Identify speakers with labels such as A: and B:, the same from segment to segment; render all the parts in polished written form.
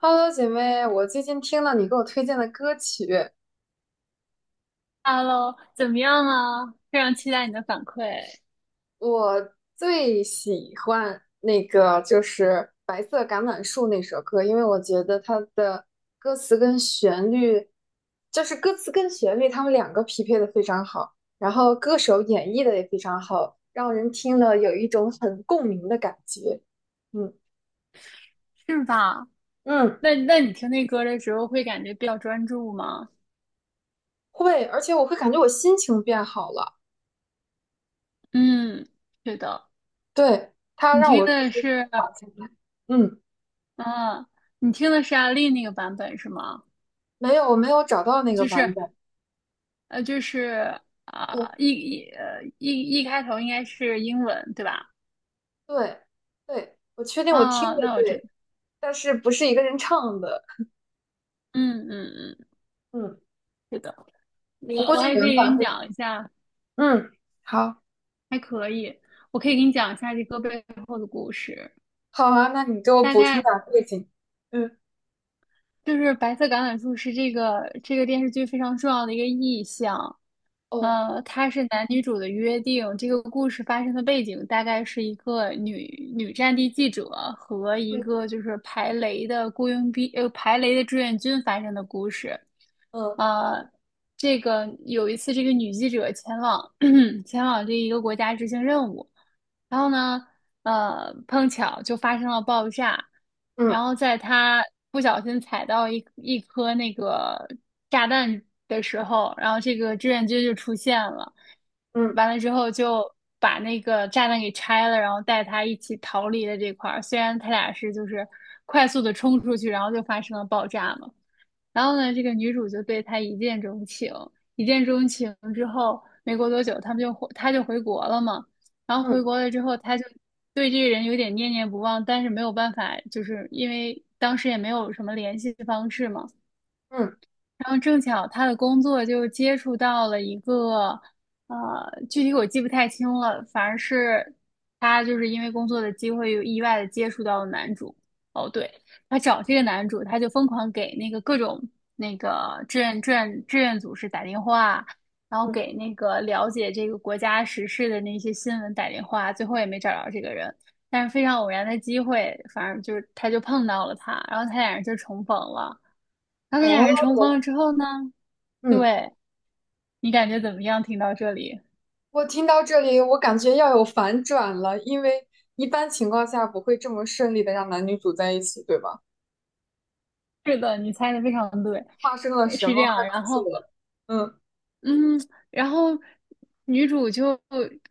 A: Hello，姐妹，我最近听了你给我推荐的歌曲，
B: Hello，怎么样啊？非常期待你的反馈。
A: 我最喜欢那个就是《白色橄榄树》那首歌，因为我觉得它的歌词跟旋律，就是歌词跟旋律，它们两个匹配的非常好，然后歌手演绎的也非常好，让人听了有一种很共鸣的感觉。嗯
B: 是吧？
A: 嗯，
B: 那你听那歌的时候会感觉比较专注吗？
A: 会，而且我会感觉我心情变好了，
B: 嗯，是的。
A: 对，它
B: 你
A: 让
B: 听
A: 我就
B: 的
A: 是舒
B: 是，
A: 缓下来。嗯。
B: 嗯，你听的是阿丽那个版本是吗？
A: 没有，我没有找到那个
B: 就
A: 版
B: 是
A: 本。
B: 就是
A: 呃，
B: 啊、一一呃一一开头应该是英文对吧？
A: 对，对，我确定我听
B: 啊，
A: 着
B: 那我知道。
A: 对，但是不是一个人唱的。
B: 嗯嗯嗯，
A: 嗯，
B: 是的。我
A: 我估
B: 我
A: 计
B: 还可
A: 原
B: 以给
A: 版
B: 你
A: 会。
B: 讲一下，
A: 嗯，好，
B: 还可以，我可以给你讲一下这歌背后的故事。
A: 好啊，那你给我
B: 大
A: 补充
B: 概
A: 点儿背景。嗯，
B: 就是白色橄榄树是这个电视剧非常重要的一个意象。
A: 哦，
B: 它是男女主的约定。这个故事发生的背景大概是一个女战地记者和一
A: 嗯
B: 个就是排雷的雇佣兵，排雷的志愿军发生的故事。
A: 嗯
B: 呃，这个有一次，这个女记者前往 前往这一个国家执行任务，然后呢。碰巧就发生了爆炸，然
A: 嗯
B: 后在他不小心踩到一颗那个炸弹的时候，然后这个志愿军就出现了，
A: 嗯
B: 完了之后就把那个炸弹给拆了，然后带他一起逃离了这块儿。虽然他俩是就是快速的冲出去，然后就发生了爆炸嘛。然后呢，这个女主就对他一见钟情。一见钟情之后，没过多久，他就回国了嘛。然后
A: 嗯
B: 回国了之后，他就对这个人有点念念不忘，但是没有办法，就是因为当时也没有什么联系方式嘛，
A: 嗯
B: 然后正巧他的工作就接触到了一个，呃，具体我记不太清了，反而是他就是因为工作的机会有意外的接触到了男主。哦，对，他找这个男主，他就疯狂给那个各种那个志愿组织打电话，然后
A: 嗯，
B: 给那个了解这个国家时事的那些新闻打电话，最后也没找着这个人。但是非常偶然的机会，反正就是他就碰到了他，然后他俩人就重逢了。然后那俩人重逢
A: 哦，
B: 了之后呢，
A: 嗯，
B: 对，你感觉怎么样？听到这里，
A: 我听到这里，我感觉要有反转了，因为一般情况下不会这么顺利的让男女主在一起，对吧？
B: 是的，你猜的非常对，
A: 发生了什
B: 是这
A: 么？快
B: 样。
A: 告
B: 然
A: 诉
B: 后，
A: 我。嗯
B: 嗯，然后女主就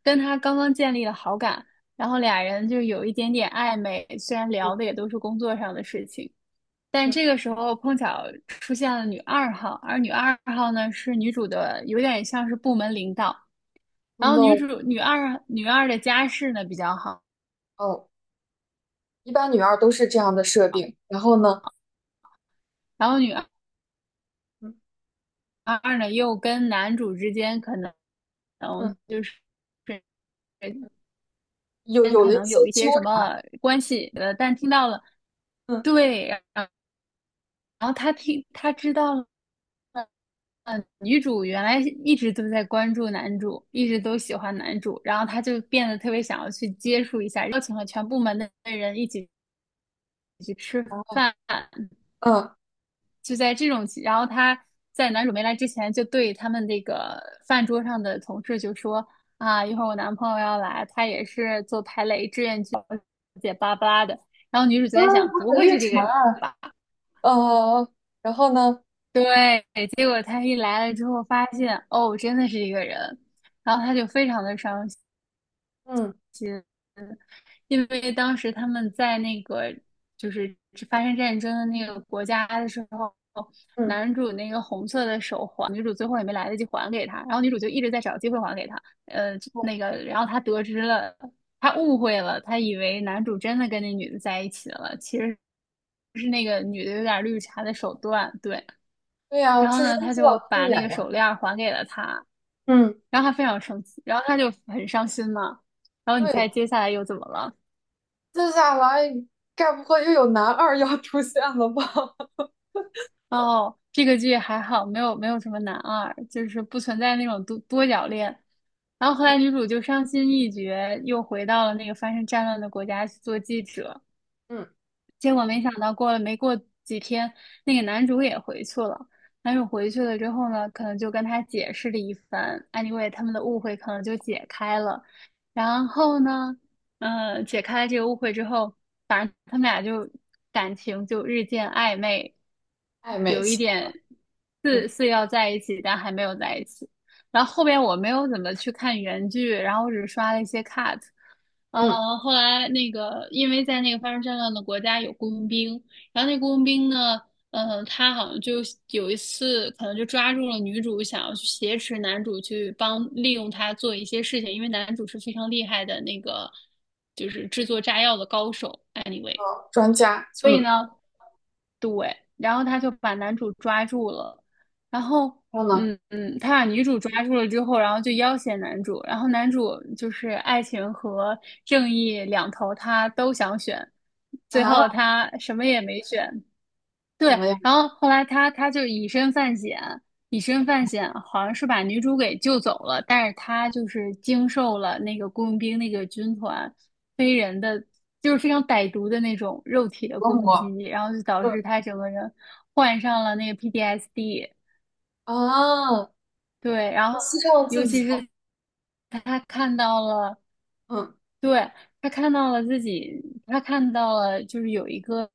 B: 跟他刚刚建立了好感，然后俩人就有一点点暧昧，虽然聊的也
A: 嗯
B: 都是工作上的事情，但
A: 嗯，
B: 这个时候碰巧出现了女二号，而女二号呢是女主的，有点像是部门领导。
A: o
B: 然后女
A: no，
B: 主女二的家世呢比较好。
A: 哦。一般女二都是这样的设定。然后呢，
B: 然后女二。
A: 嗯
B: 二呢，又跟男主之间可能，
A: 嗯，
B: 就是
A: 有
B: 间
A: 有
B: 可
A: 了一
B: 能
A: 些
B: 有一
A: 纠
B: 些什
A: 缠，
B: 么关系。但听到了，
A: 嗯
B: 对，然后他听他知道了，女主原来一直都在关注男主，一直都喜欢男主，然后他就变得特别想要去接触一下，邀请了全部门的人一起去吃
A: 嗯
B: 饭，就在这种，然后他在男主没来之前，就对他们那个饭桌上的同事就说啊，一会儿我男朋友要来，他也是做排雷志愿者，姐巴拉巴拉的。然后女主就
A: 嗯，
B: 在想，
A: 不
B: 不
A: 是
B: 会
A: 绿
B: 是
A: 茶，
B: 这个人吧？
A: 呃，然后呢，
B: 对，结果他一来了之后，发现哦，真的是一个人，然后他就非常的伤心。
A: 嗯
B: 嗯，因为当时他们在那个就是发生战争的那个国家的时候，
A: 嗯，
B: 男主那个红色的手环，女主最后也没来得及还给他，然后女主就一直在找机会还给他，
A: 哦，
B: 那个，然后他得知了，他误会了，他以为男主真的跟那女的在一起了，其实是那个女的有点绿茶的手段，对，
A: 对呀、
B: 然后
A: 这是
B: 呢，
A: 金
B: 他
A: 希老
B: 就
A: 师
B: 把
A: 演
B: 那个
A: 呀，
B: 手链还给了他，
A: 嗯，
B: 然后他非常生气，然后他就很伤心嘛。然后你
A: 对，
B: 猜接下来又怎么了？
A: 接下来该不会又有男二要出现了吧？
B: 哦，这个剧还好，没有什么男二，就是不存在那种多角恋。然后后来女 主就伤心欲绝，又回到了那个发生战乱的国家去做记者。
A: 嗯，
B: 结果没想到过了没过几天，那个男主也回去了。男主回去了之后呢，可能就跟他解释了一番，anyway,他们的误会可能就解开了。然后呢，嗯，解开了这个误会之后，反正他们俩就感情就日渐暧昧，
A: 暧昧
B: 有一
A: 期，
B: 点似
A: 嗯，
B: 似要在一起，但还没有在一起。然后后边我没有怎么去看原剧，然后我只刷了一些 cut。
A: 嗯，
B: 后来那个，因为在那个发生战乱的国家有雇佣兵，然后那雇佣兵呢，他好像就有一次可能就抓住了女主，想要去挟持男主去帮利用他做一些事情，因为男主是非常厉害的那个，就是制作炸药的高手。Anyway,
A: 哦，专家，
B: 所以
A: 嗯，
B: 呢，对，然后他就把男主抓住了，然后
A: 然后呢，
B: 他把女主抓住了之后，然后就要挟男主，然后男主就是爱情和正义两头他都想选，最后
A: 啊，
B: 他什么也没选，对，
A: 怎么样，
B: 然后后来他就以身犯险，以身犯险，好像是把女主给救走了，但是他就是经受了那个雇佣兵那个军团非人的，就是非常歹毒的那种肉体的
A: 折
B: 攻
A: 磨，
B: 击，然后就导
A: 嗯
B: 致他整个人患上了那个 PTSD。
A: 啊，
B: 对，然后
A: 牺牲了
B: 尤
A: 自己，
B: 其是他看到了，
A: 嗯
B: 对，他看到了自己，他看到了就是有一个。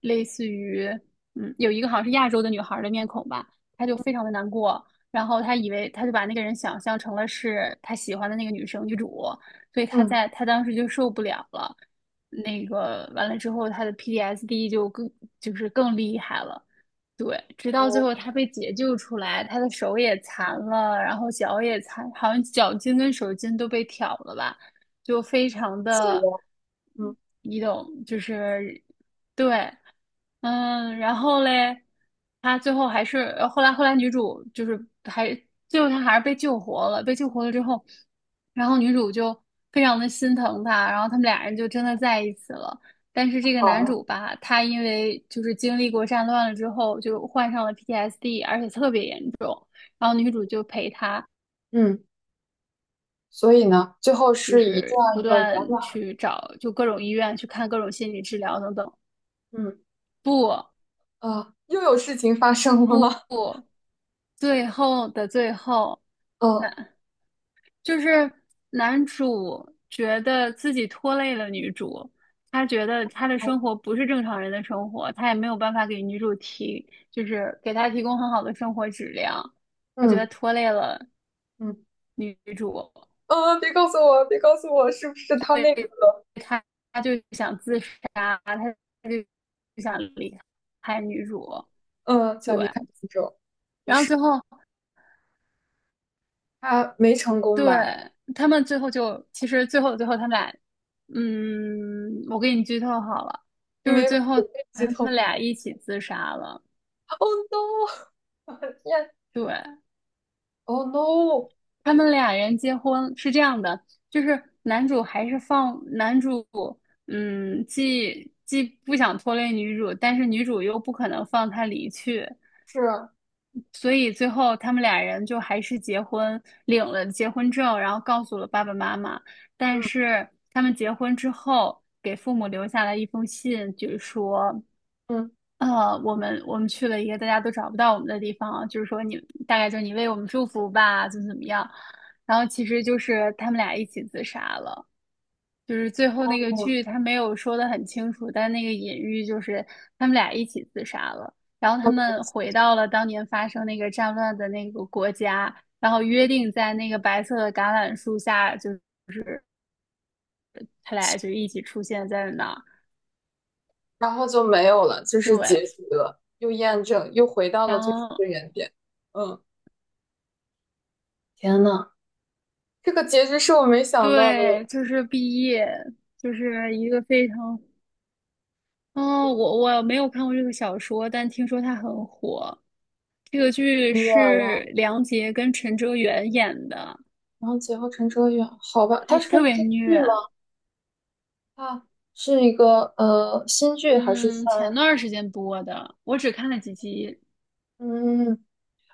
B: 类似于，嗯，有一个好像是亚洲的女孩儿的面孔吧，她就非常的难过，然后她以为她就把那个人想象成了是她喜欢的那个女生女主，所以她
A: 嗯，
B: 在她当时就受不了了，那个完了之后，她的 PTSD 就更就是更厉害了。对，直到最
A: 我
B: 后她被解救出来，她的手也残了，然后脚也残，好像脚筋跟手筋都被挑了吧，就非常
A: 自己，
B: 的，
A: 嗯，
B: 你懂，就是对，嗯，然后嘞，他最后还是后来女主就是还最后她还是被救活了，被救活了之后，然后女主就非常的心疼他，然后他们俩人就真的在一起了。但是这个男主
A: 好。
B: 吧，他因为就是经历过战乱了之后，就患上了 PTSD,而且特别严重。然后女主就陪他，
A: 嗯，所以呢，最后
B: 就
A: 是以这
B: 是不
A: 样一个圆
B: 断
A: 满，
B: 去找，就各种医院去看各种心理治疗等等。
A: 嗯，
B: 不
A: 啊，又有事情发生了吗？
B: 不 不，最后的最后。
A: 呃，
B: 那。就是男主觉得自己拖累了女主，他觉得他的生活不是正常人的生活，他也没有办法给女主提，就是给她提供很好的生活质量，他觉得
A: 嗯
B: 拖累了
A: 嗯，
B: 女主，
A: 嗯，别告诉我，别告诉我，是不是
B: 所
A: 他那个，
B: 以他他就想自杀，他就想离开女主，
A: 嗯，
B: 对，
A: 想离开苏州，于
B: 然后
A: 是
B: 最后
A: 他没成功
B: 对，
A: 吧？
B: 他们最后就，其实最后的最后，他们俩，嗯，我给你剧透好了，
A: 你
B: 就是
A: 没把
B: 最后
A: 我被
B: 他
A: 剧透
B: 们俩一起自杀了。
A: ？Oh no！天
B: 对，
A: ！Oh no！
B: 他们俩人结婚是这样的，就是男主还是放男主，嗯，既不想拖累女主，但是女主又不可能放他离去，
A: 是啊，
B: 所以最后他们俩人就还是结婚，领了结婚证，然后告诉了爸爸妈妈。但
A: 嗯
B: 是他们结婚之后，给父母留下了一封信，就是说，
A: 嗯
B: 我们去了一个大家都找不到我们的地方，就是说你大概就是你为我们祝福吧，怎么怎么样。然后其实就是他们俩一起自杀了。就是最后那个
A: 嗯，
B: 剧，他没有说的很清楚，但那个隐喻就是他们俩一起自杀了，然后他
A: 嗯，
B: 们回到了当年发生那个战乱的那个国家，然后约定在那个白色的橄榄树下，就他俩就一起出现在那儿。
A: 然后就没有了，就是结
B: 对，
A: 局了，又验证，又回到了
B: 然
A: 最初
B: 后
A: 的原点。嗯，天呐，这个结局是我没想到的。
B: 对，就是毕业，就是一个非常，嗯，我没有看过这个小说，但听说它很火。这个剧
A: 热
B: 是
A: 了，
B: 梁洁跟陈哲远演的，
A: 然后劫后陈哲远，好吧，他
B: 还
A: 是个
B: 特别
A: 新剧
B: 虐。
A: 吗？它是一个新剧还是
B: 嗯，前
A: 番？
B: 段儿时间播的，我只看了几集，
A: 嗯，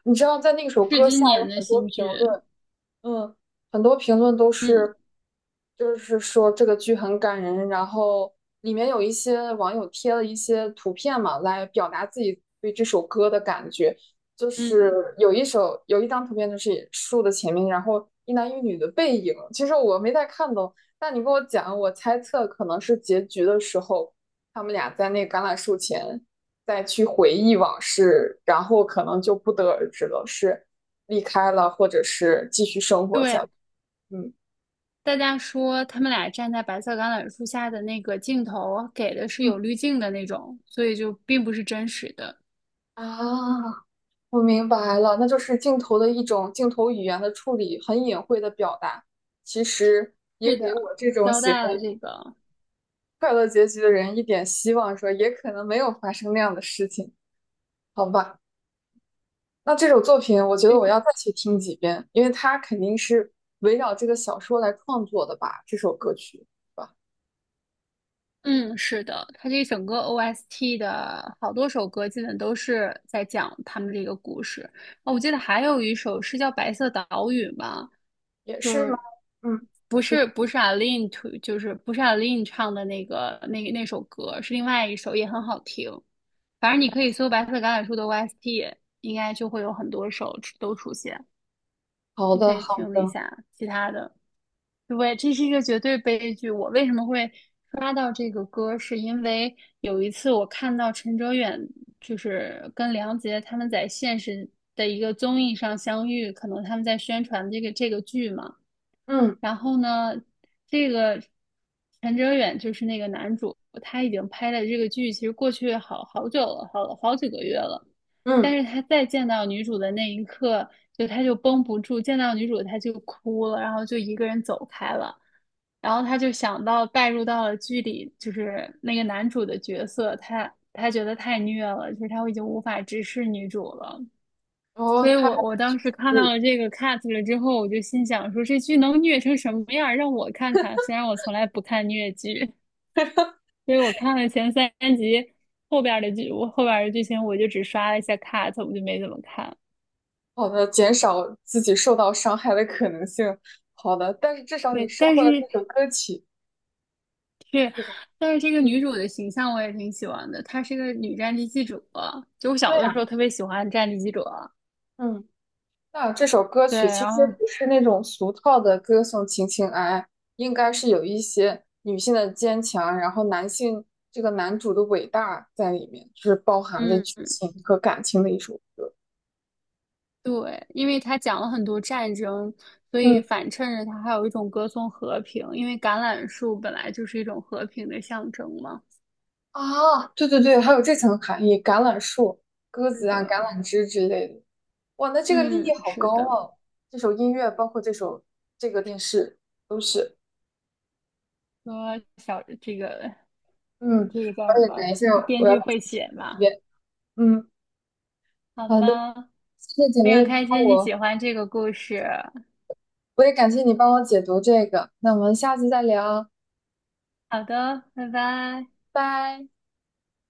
A: 你知道在那首
B: 是
A: 歌
B: 今
A: 下
B: 年
A: 有
B: 的
A: 很多
B: 新
A: 评
B: 剧。
A: 论，嗯，很多评论都
B: 嗯
A: 是，就是说这个剧很感人，然后里面有一些网友贴了一些图片嘛，来表达自己对这首歌的感觉。就是
B: 嗯，
A: 有一张图片，就是树的前面，然后一男一女的背影。其实我没太看懂，但你跟我讲，我猜测可能是结局的时候，他们俩在那橄榄树前再去回忆往事，然后可能就不得而知了。是。离开了，或者是继续生活下
B: 对，
A: 去。嗯
B: 大家说他们俩站在白色橄榄树下的那个镜头给的是有
A: 嗯，
B: 滤镜的那种，所以就并不是真实的。
A: 啊，我明白了，那就是镜头的一种镜头语言的处理，很隐晦的表达，其实也
B: 是的，
A: 给我这种
B: 交
A: 喜欢
B: 代了这个。
A: 快乐结局的人一点希望，说也可能没有发生那样的事情，好吧？那这首作品，我觉得
B: 对，
A: 我要再去听几遍，因为它肯定是围绕这个小说来创作的吧，这首歌曲，是吧？
B: 嗯，是的，他这整个 OST 的好多首歌，基本都是在讲他们这个故事。哦，我记得还有一首是叫《白色岛屿》吧，
A: 也是吗？嗯，
B: 不
A: 是
B: 是不是 Aline to，就是不是 Aline 唱的那个那首歌，是另外一首也很好听。反正你可以搜《白色橄榄树》的 OST，应该就会有很多首出都出现。
A: 好
B: 你可
A: 的，
B: 以
A: 好
B: 听一
A: 的，
B: 下其他的。对，这是一个绝对悲剧。我为什么会刷到这个歌，是因为有一次我看到陈哲远就是跟梁洁他们在现实的一个综艺上相遇，可能他们在宣传这个剧嘛。
A: 嗯
B: 然后呢，这个陈哲远就是那个男主，他已经拍了这个剧，其实过去好好久了，好好几个月了。
A: 嗯，
B: 但是他再见到女主的那一刻，就他就绷不住，见到女主他就哭了，然后就一个人走开了。然后他就想到带入到了剧里，就是那个男主的角色，他觉得太虐了，就是他已经无法直视女主了。
A: 然后
B: 所以
A: 它。
B: 我当时看
A: 嗯，
B: 到了这个 cut 了之后，我就心想说这剧能虐成什么样让我看看。虽然我从来不看虐剧，所以我看了前三集，后边的剧我后边的剧情我就只刷了一下 cut，我就没怎么看。
A: 好的，减少自己受到伤害的可能性。好的，但是至少你
B: 对，
A: 收
B: 但
A: 获了
B: 是
A: 那首歌曲，
B: 是，
A: 对吧？
B: 但是这个
A: 嗯，
B: 女主的形象我也挺喜欢的，她是个女战地记者，就我小
A: 对
B: 的
A: 呀，
B: 时候特别喜欢战地记者。
A: 嗯，那这首歌
B: 对，
A: 曲其
B: 然
A: 实
B: 后
A: 不是那种俗套的歌颂情情爱爱，应该是有一些女性的坚强，然后男性这个男主的伟大在里面，就是包含着剧
B: 嗯。
A: 情和感情的一首歌。
B: 对，因为他讲了很多战争，所以
A: 嗯，
B: 反衬着他还有一种歌颂和平，因为橄榄树本来就是一种和平的象征嘛。
A: 啊，对对对，还有这层含义，橄榄树、鸽
B: 是
A: 子啊、
B: 的，
A: 橄榄枝之类的。哇，那这个立意
B: 嗯，
A: 好
B: 是
A: 高
B: 的。
A: 啊！这首音乐，包括这个电视，都是。
B: 说小这个
A: 嗯，
B: 这个叫
A: 而
B: 什
A: 且
B: 么？
A: 等一下我
B: 编
A: 要
B: 剧
A: 再
B: 会
A: 听
B: 写
A: 一
B: 嘛？
A: 遍。嗯，
B: 好
A: 好的，
B: 吧，
A: 谢谢姐
B: 非常
A: 妹
B: 开
A: 帮
B: 心你喜
A: 我，
B: 欢这个故事。
A: 我也感谢你帮我解读这个。那我们下次再聊，
B: 好的，拜拜。
A: 拜。